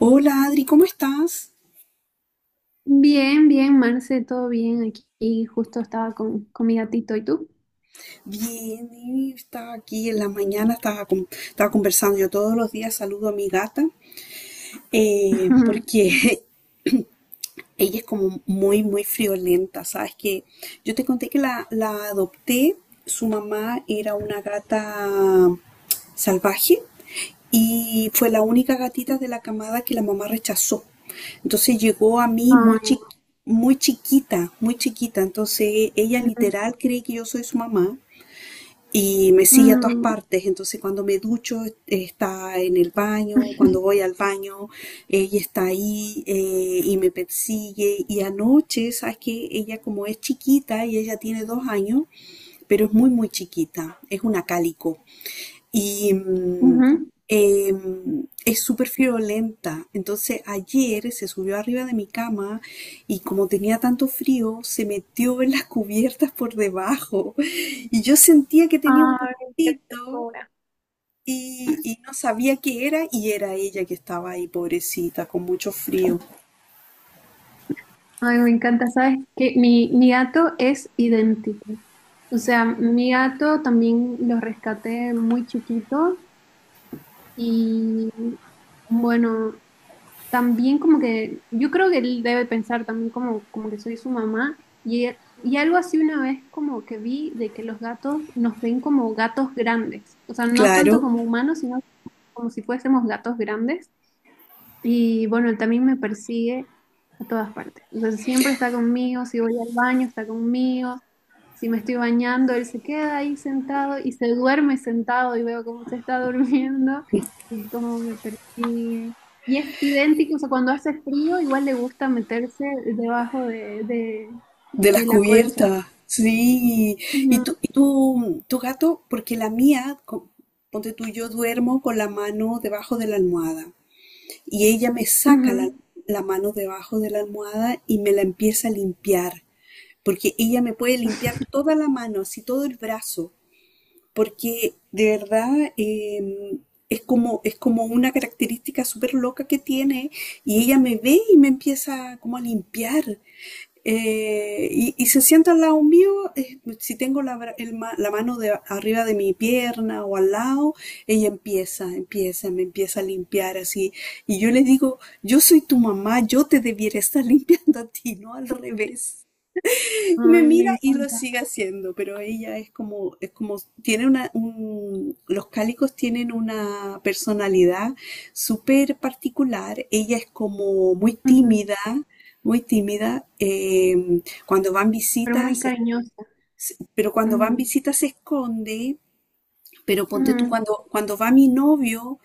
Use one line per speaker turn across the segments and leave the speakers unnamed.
Hola Adri, ¿cómo estás?
Bien, bien, Marce, todo bien aquí. Y Justo estaba con mi gatito, ¿y tú?
Bien, y estaba aquí en la mañana, estaba conversando. Yo todos los días saludo a mi gata porque ella es como muy, muy friolenta, ¿sabes? Que yo te conté que la adopté, su mamá era una gata salvaje y fue la única gatita de la camada que la mamá rechazó. Entonces llegó a mí
Ay,
muy chiquita, muy chiquita. Entonces ella literal cree que yo soy su mamá y me sigue a todas
ujú,
partes. Entonces cuando me ducho está en el baño, cuando voy al baño ella está ahí y me persigue. Y anoche, sabes que ella como es chiquita y ella tiene 2 años, pero es muy muy chiquita, es una cálico. Y
ujú.
eh, es súper friolenta. Entonces ayer se subió arriba de mi cama y como tenía tanto frío, se metió en las cubiertas por debajo y yo sentía que tenía un
Ay, qué
gustito
ternura.
y no sabía qué era y era ella que estaba ahí, pobrecita, con mucho frío.
Ay, me encanta, ¿sabes? Que mi gato es idéntico. O sea, mi gato también lo rescaté muy chiquito y bueno, también como que, yo creo que él debe pensar también como, como que soy su mamá y, y algo así una vez como que vi de que los gatos nos ven como gatos grandes, o sea, no
Claro,
tanto como humanos, sino como si fuésemos gatos grandes y bueno, él también me persigue a todas partes. O sea, siempre está conmigo, si voy al baño, está conmigo, si me estoy bañando, él se queda ahí sentado y se duerme sentado y veo cómo se está durmiendo y cómo me persigue. Y es idéntico, o sea, cuando hace frío, igual le gusta meterse debajo
de las
de la colcha.
cubiertas. Sí,
Ujú,
tu gato, porque la mía, ponte tú, yo duermo con la mano debajo de la almohada. Y ella me saca la,
ujú.
la mano debajo de la almohada y me la empieza a limpiar, porque ella me puede limpiar toda la mano, así todo el brazo porque de verdad es como una característica súper loca que tiene y ella me ve y me empieza como a limpiar. Y se sienta al lado mío. Si tengo la, bra- el ma- la mano de, arriba de mi pierna o al lado, ella me empieza a limpiar así. Y yo le digo, yo soy tu mamá, yo te debiera estar limpiando a ti, no al revés. Me
Ay, me
mira y lo
encanta.
sigue haciendo, pero ella es como, tiene una, un- los cálicos tienen una personalidad súper particular. Ella es como muy
Ujú.
tímida, muy tímida. Cuando van
Pero
visitas,
muy
se-
cariñosa.
se- Pero cuando van
Ujú,
visitas se esconde. Pero ponte tú,
ujú,
cuando, cuando va mi novio,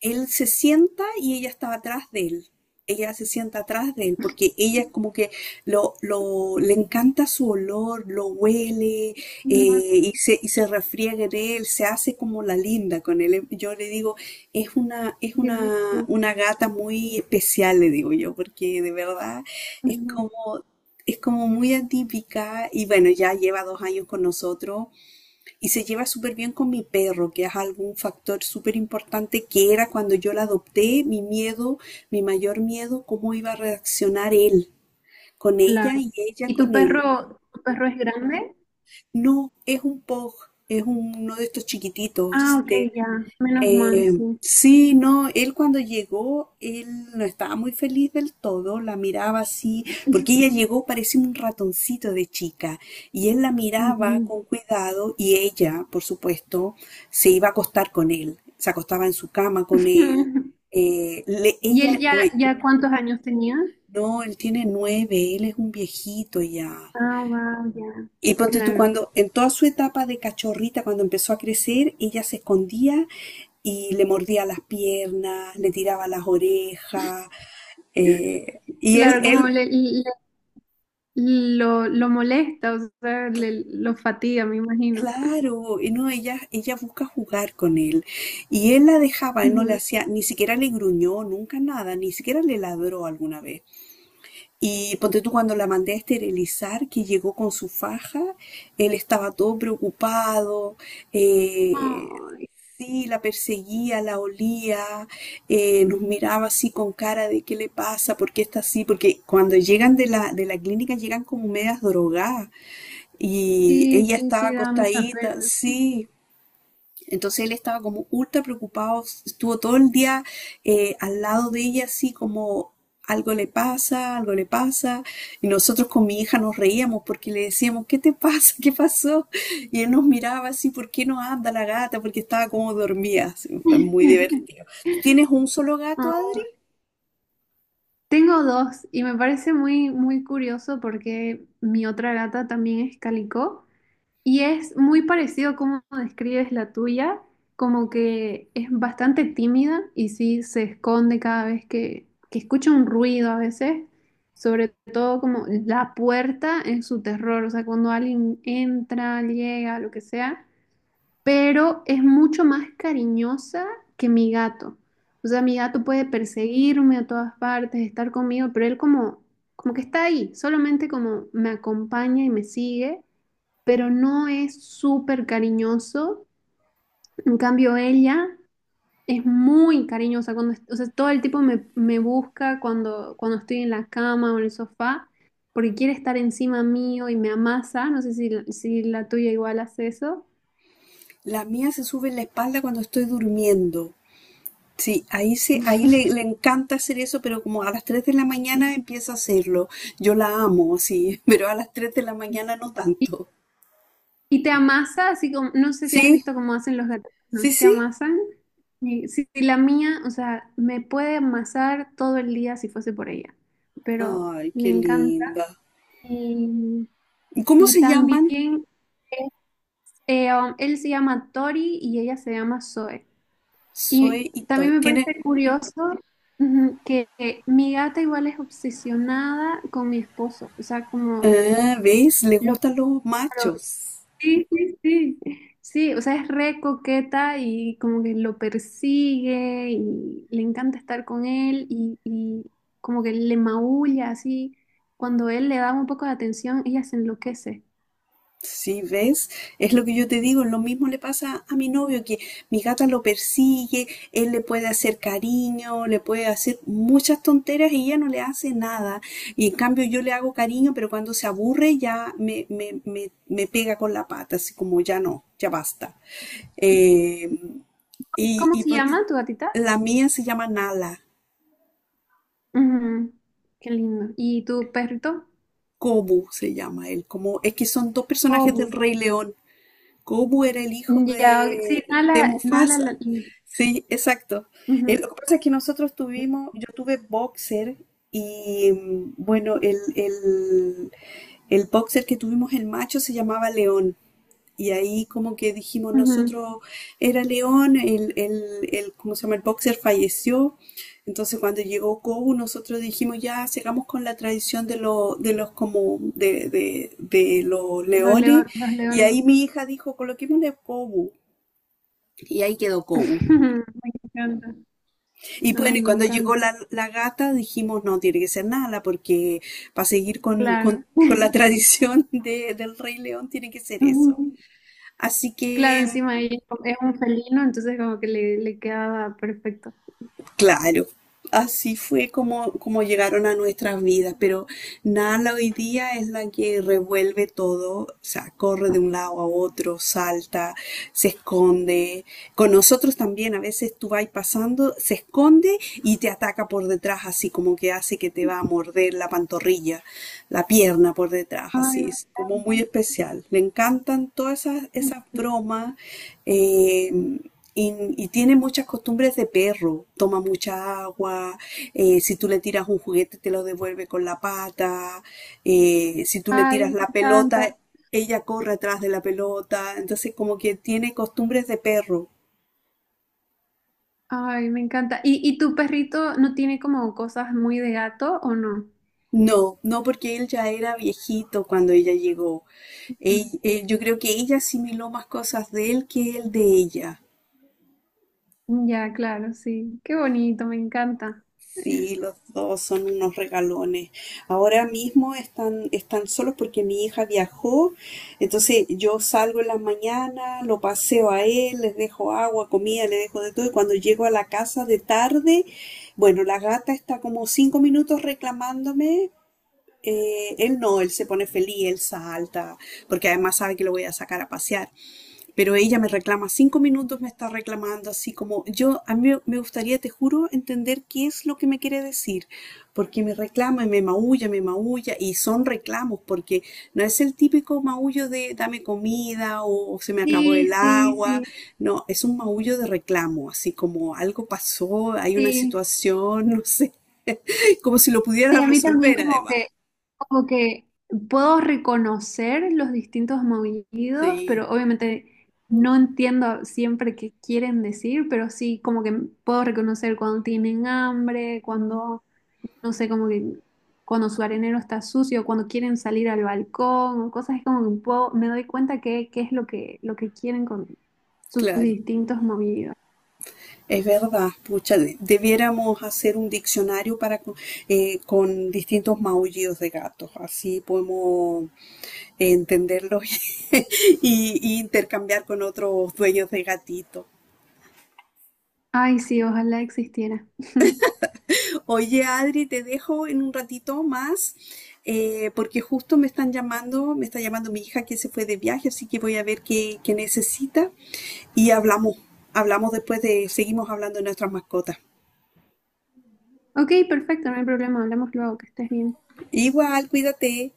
él se sienta y ella estaba atrás de él. Ella se sienta atrás de él porque ella como que le encanta su olor, lo huele.
ujú.
Y se, y se refriega en él, se hace como la linda con él. Yo le digo, es una, es
Sí, sí,
una,
sí.
una gata muy especial, le digo yo, porque de verdad es
Ujú.
como, es como muy atípica y bueno, ya lleva 2 años con nosotros y se lleva súper bien con mi perro, que es algún factor súper importante, que era, cuando yo la adopté, mi miedo, mi mayor miedo, cómo iba a reaccionar él con ella
Claro.
y ella
¿Y
con él.
tu perro es grande?
No, es un pug, uno de estos
Ah,
chiquititos
ok,
de
ya. Menos mal,
eh,
sí.
sí. No, él cuando llegó, él no estaba muy feliz del todo, la miraba así, porque ella llegó parecía un ratoncito de chica, y él la miraba
Ujú.
con cuidado y ella, por supuesto, se iba a acostar con él, se acostaba en su cama con él. eh, le-
¿Y él
ella,
ya,
hoy,
ya cuántos años tenía?
no, él tiene 9, él es un viejito ya.
Ah, wow, ya.
Y ponte tú
Claro.
cuando, en toda su etapa de cachorrita, cuando empezó a crecer, ella se escondía y le mordía las piernas, le tiraba las orejas. eh, y él,
Claro, como le,
él,
le- lo molesta, o sea, le- lo fatiga, me imagino.
claro, y no, ella busca jugar con él. Y él la dejaba, él no le
Ujú.
hacía, ni siquiera le gruñó, nunca nada, ni siquiera le ladró alguna vez. Y ponte tú cuando la mandé a esterilizar, que llegó con su faja, él estaba todo preocupado. eh,
Ay,
sí, la perseguía, la olía. Nos miraba así con cara de qué le pasa, por qué está así, porque cuando llegan de la clínica llegan como medias drogadas y
sí,
ella
sí,
estaba
sí, da mucha
acostadita,
pena.
sí. Entonces él estaba como ultra preocupado, estuvo todo el día al lado de ella, así como algo le pasa, algo le pasa. Y nosotros con mi hija nos reíamos porque le decíamos, ¿qué te pasa? ¿Qué pasó? Y él nos miraba así, ¿por qué no anda la gata? Porque estaba como dormida, así. Fue muy divertido. ¿Tú tienes un solo
Ah,
gato, Adri?
tengo dos y me parece muy, muy curioso porque mi otra gata también es calico. Y es muy parecido como describes la tuya, como que es bastante tímida y sí se esconde cada vez que escucha un ruido a veces, sobre todo como la puerta es su terror, o sea, cuando alguien entra, llega, lo que sea, pero es mucho más cariñosa que mi gato. O sea, mi gato puede perseguirme a todas partes, estar conmigo, pero él como, como que está ahí, solamente como me acompaña y me sigue pero no es súper cariñoso. En cambio, ella es muy cariñosa. Cuando, est- o sea, todo el tipo me, me busca cuando, cuando estoy en la cama o en el sofá, porque quiere estar encima mío y me amasa. No sé si, la- si la tuya igual hace eso.
La mía se sube en la espalda cuando estoy durmiendo. Sí, ahí, le encanta hacer eso, pero como a las 3 de la mañana empieza a hacerlo. Yo la amo, sí, pero a las 3 de la mañana no
Y,
tanto.
y te amasa, así como, no sé si has
Sí,
visto cómo hacen los gatos, ¿no?
sí,
Es que
sí.
amasan. Y si la mía, o sea, me puede amasar todo el día si fuese por ella, pero
Ay,
le
qué
encanta.
linda.
Y
¿Y cómo
y
se llaman?
también este, él se llama Tori y ella se llama Zoe.
Soy
Y
y Toy.
también me
Tiene,
parece curioso ujú, que mi gata igual es obsesionada con mi esposo. O sea, como
ah, ¿ves? Le
lo...
gustan los
pero-
machos.
sí, sí, sí. Sí, o sea, es re coqueta y como que lo persigue y le encanta estar con él y como que le maulla así. Cuando él le da un poco de atención, ella se enloquece.
Sí, ¿ves? Es lo que yo te digo, lo mismo le pasa a mi novio, que mi gata lo persigue, él le puede hacer cariño, le puede hacer muchas tonteras y ella no le hace nada. Y en cambio yo le hago cariño, pero cuando se aburre ya me pega con la pata, así como ya no, ya basta. Eh, y
¿Cómo
y
se
ponte-
llama tu gatita?
la mía se llama Nala.
Ujú, qué lindo. ¿Y tu perrito?
Kobu se llama él, como es que son dos personajes del
Oh,
Rey León. Goku era el hijo
ya, ok. Sí,
de
Nala, Nala,
Mufasa.
la-
Sí, exacto.
ujú,
Lo que pasa es que nosotros tuvimos, yo tuve boxer y bueno, el boxer que tuvimos, el macho, se llamaba León. Y ahí como que dijimos
ujú,
nosotros, era León, ¿cómo se llama? El boxer falleció. Entonces cuando llegó Kobu, nosotros dijimos, ya, sigamos con la tradición de, lo- de los como de los
los leo-
leones.
los
Y
leones.
ahí mi hija dijo, coloquémosle Kobu. Y ahí quedó Kobu.
Me encanta.
Y bueno,
Ay,
y
me
cuando llegó
encanta.
la, la gata, dijimos, no, tiene que ser Nala, porque para seguir con,
Claro.
con la tradición del Rey León tiene que ser eso.
Ujú.
Así
Claro,
que
encima ella es un felino, entonces como que le quedaba perfecto.
claro, así fue como llegaron a nuestras vidas, pero Nala hoy día es la que revuelve todo, o sea, corre de un lado a otro, salta, se esconde, con nosotros también a veces tú vas pasando, se esconde y te ataca por detrás, así como que hace que te va a morder la pantorrilla, la pierna por detrás,
Ay, me
así, es como muy
encanta.
especial. Le encantan todas esas bromas. eh, y, y tiene muchas costumbres de perro, toma mucha agua. Si tú le tiras un juguete te lo devuelve con la pata. Si tú le
Ay,
tiras
me
la pelota,
encanta.
ella corre atrás de la pelota, entonces como que tiene costumbres de perro.
Ay, me encanta. Y tu perrito no tiene como cosas muy de gato o no?
No, no porque él ya era viejito cuando ella llegó. Yo creo que ella asimiló más cosas de él que él de ella.
Ya, claro, sí. Qué bonito, me encanta.
Sí, los dos son unos regalones. Ahora mismo están, están solos porque mi hija viajó, entonces yo salgo en la mañana, lo paseo a él, les dejo agua, comida, le dejo de todo, y cuando llego a la casa de tarde, bueno, la gata está como 5 minutos reclamándome. Él no, él se pone feliz, él salta, porque además sabe que lo voy a sacar a pasear. Pero ella me reclama 5 minutos, me está reclamando así como yo, a mí me gustaría, te juro, entender qué es lo que me quiere decir, porque me reclama y me maulla, y son reclamos, porque no es el típico maullo de dame comida o, se me acabó el
Sí, sí,
agua,
sí,
no, es un maullo de reclamo, así como algo pasó, hay una
sí.
situación, no sé, como si lo pudiera
Sí, a mí también
resolver además.
como que puedo reconocer los distintos maullidos,
Sí.
pero obviamente no entiendo siempre qué quieren decir, pero sí como que puedo reconocer cuando tienen hambre, cuando no sé, como que cuando su arenero está sucio, cuando quieren salir al balcón, o cosas como que un poco me doy cuenta que, qué es lo que quieren con sus
Claro,
distintos movidos.
es verdad, pucha, debiéramos hacer un diccionario con distintos maullidos de gatos, así podemos entenderlos y intercambiar con otros dueños de gatito.
Ay, sí, ojalá existiera.
Oye, Adri, te dejo en un ratito más, porque justo me están llamando, me está llamando mi hija que se fue de viaje, así que voy a ver qué, qué necesita y hablamos, seguimos hablando de nuestras mascotas.
Ok, perfecto, no hay problema, hablamos luego, que estés bien.
Igual, cuídate.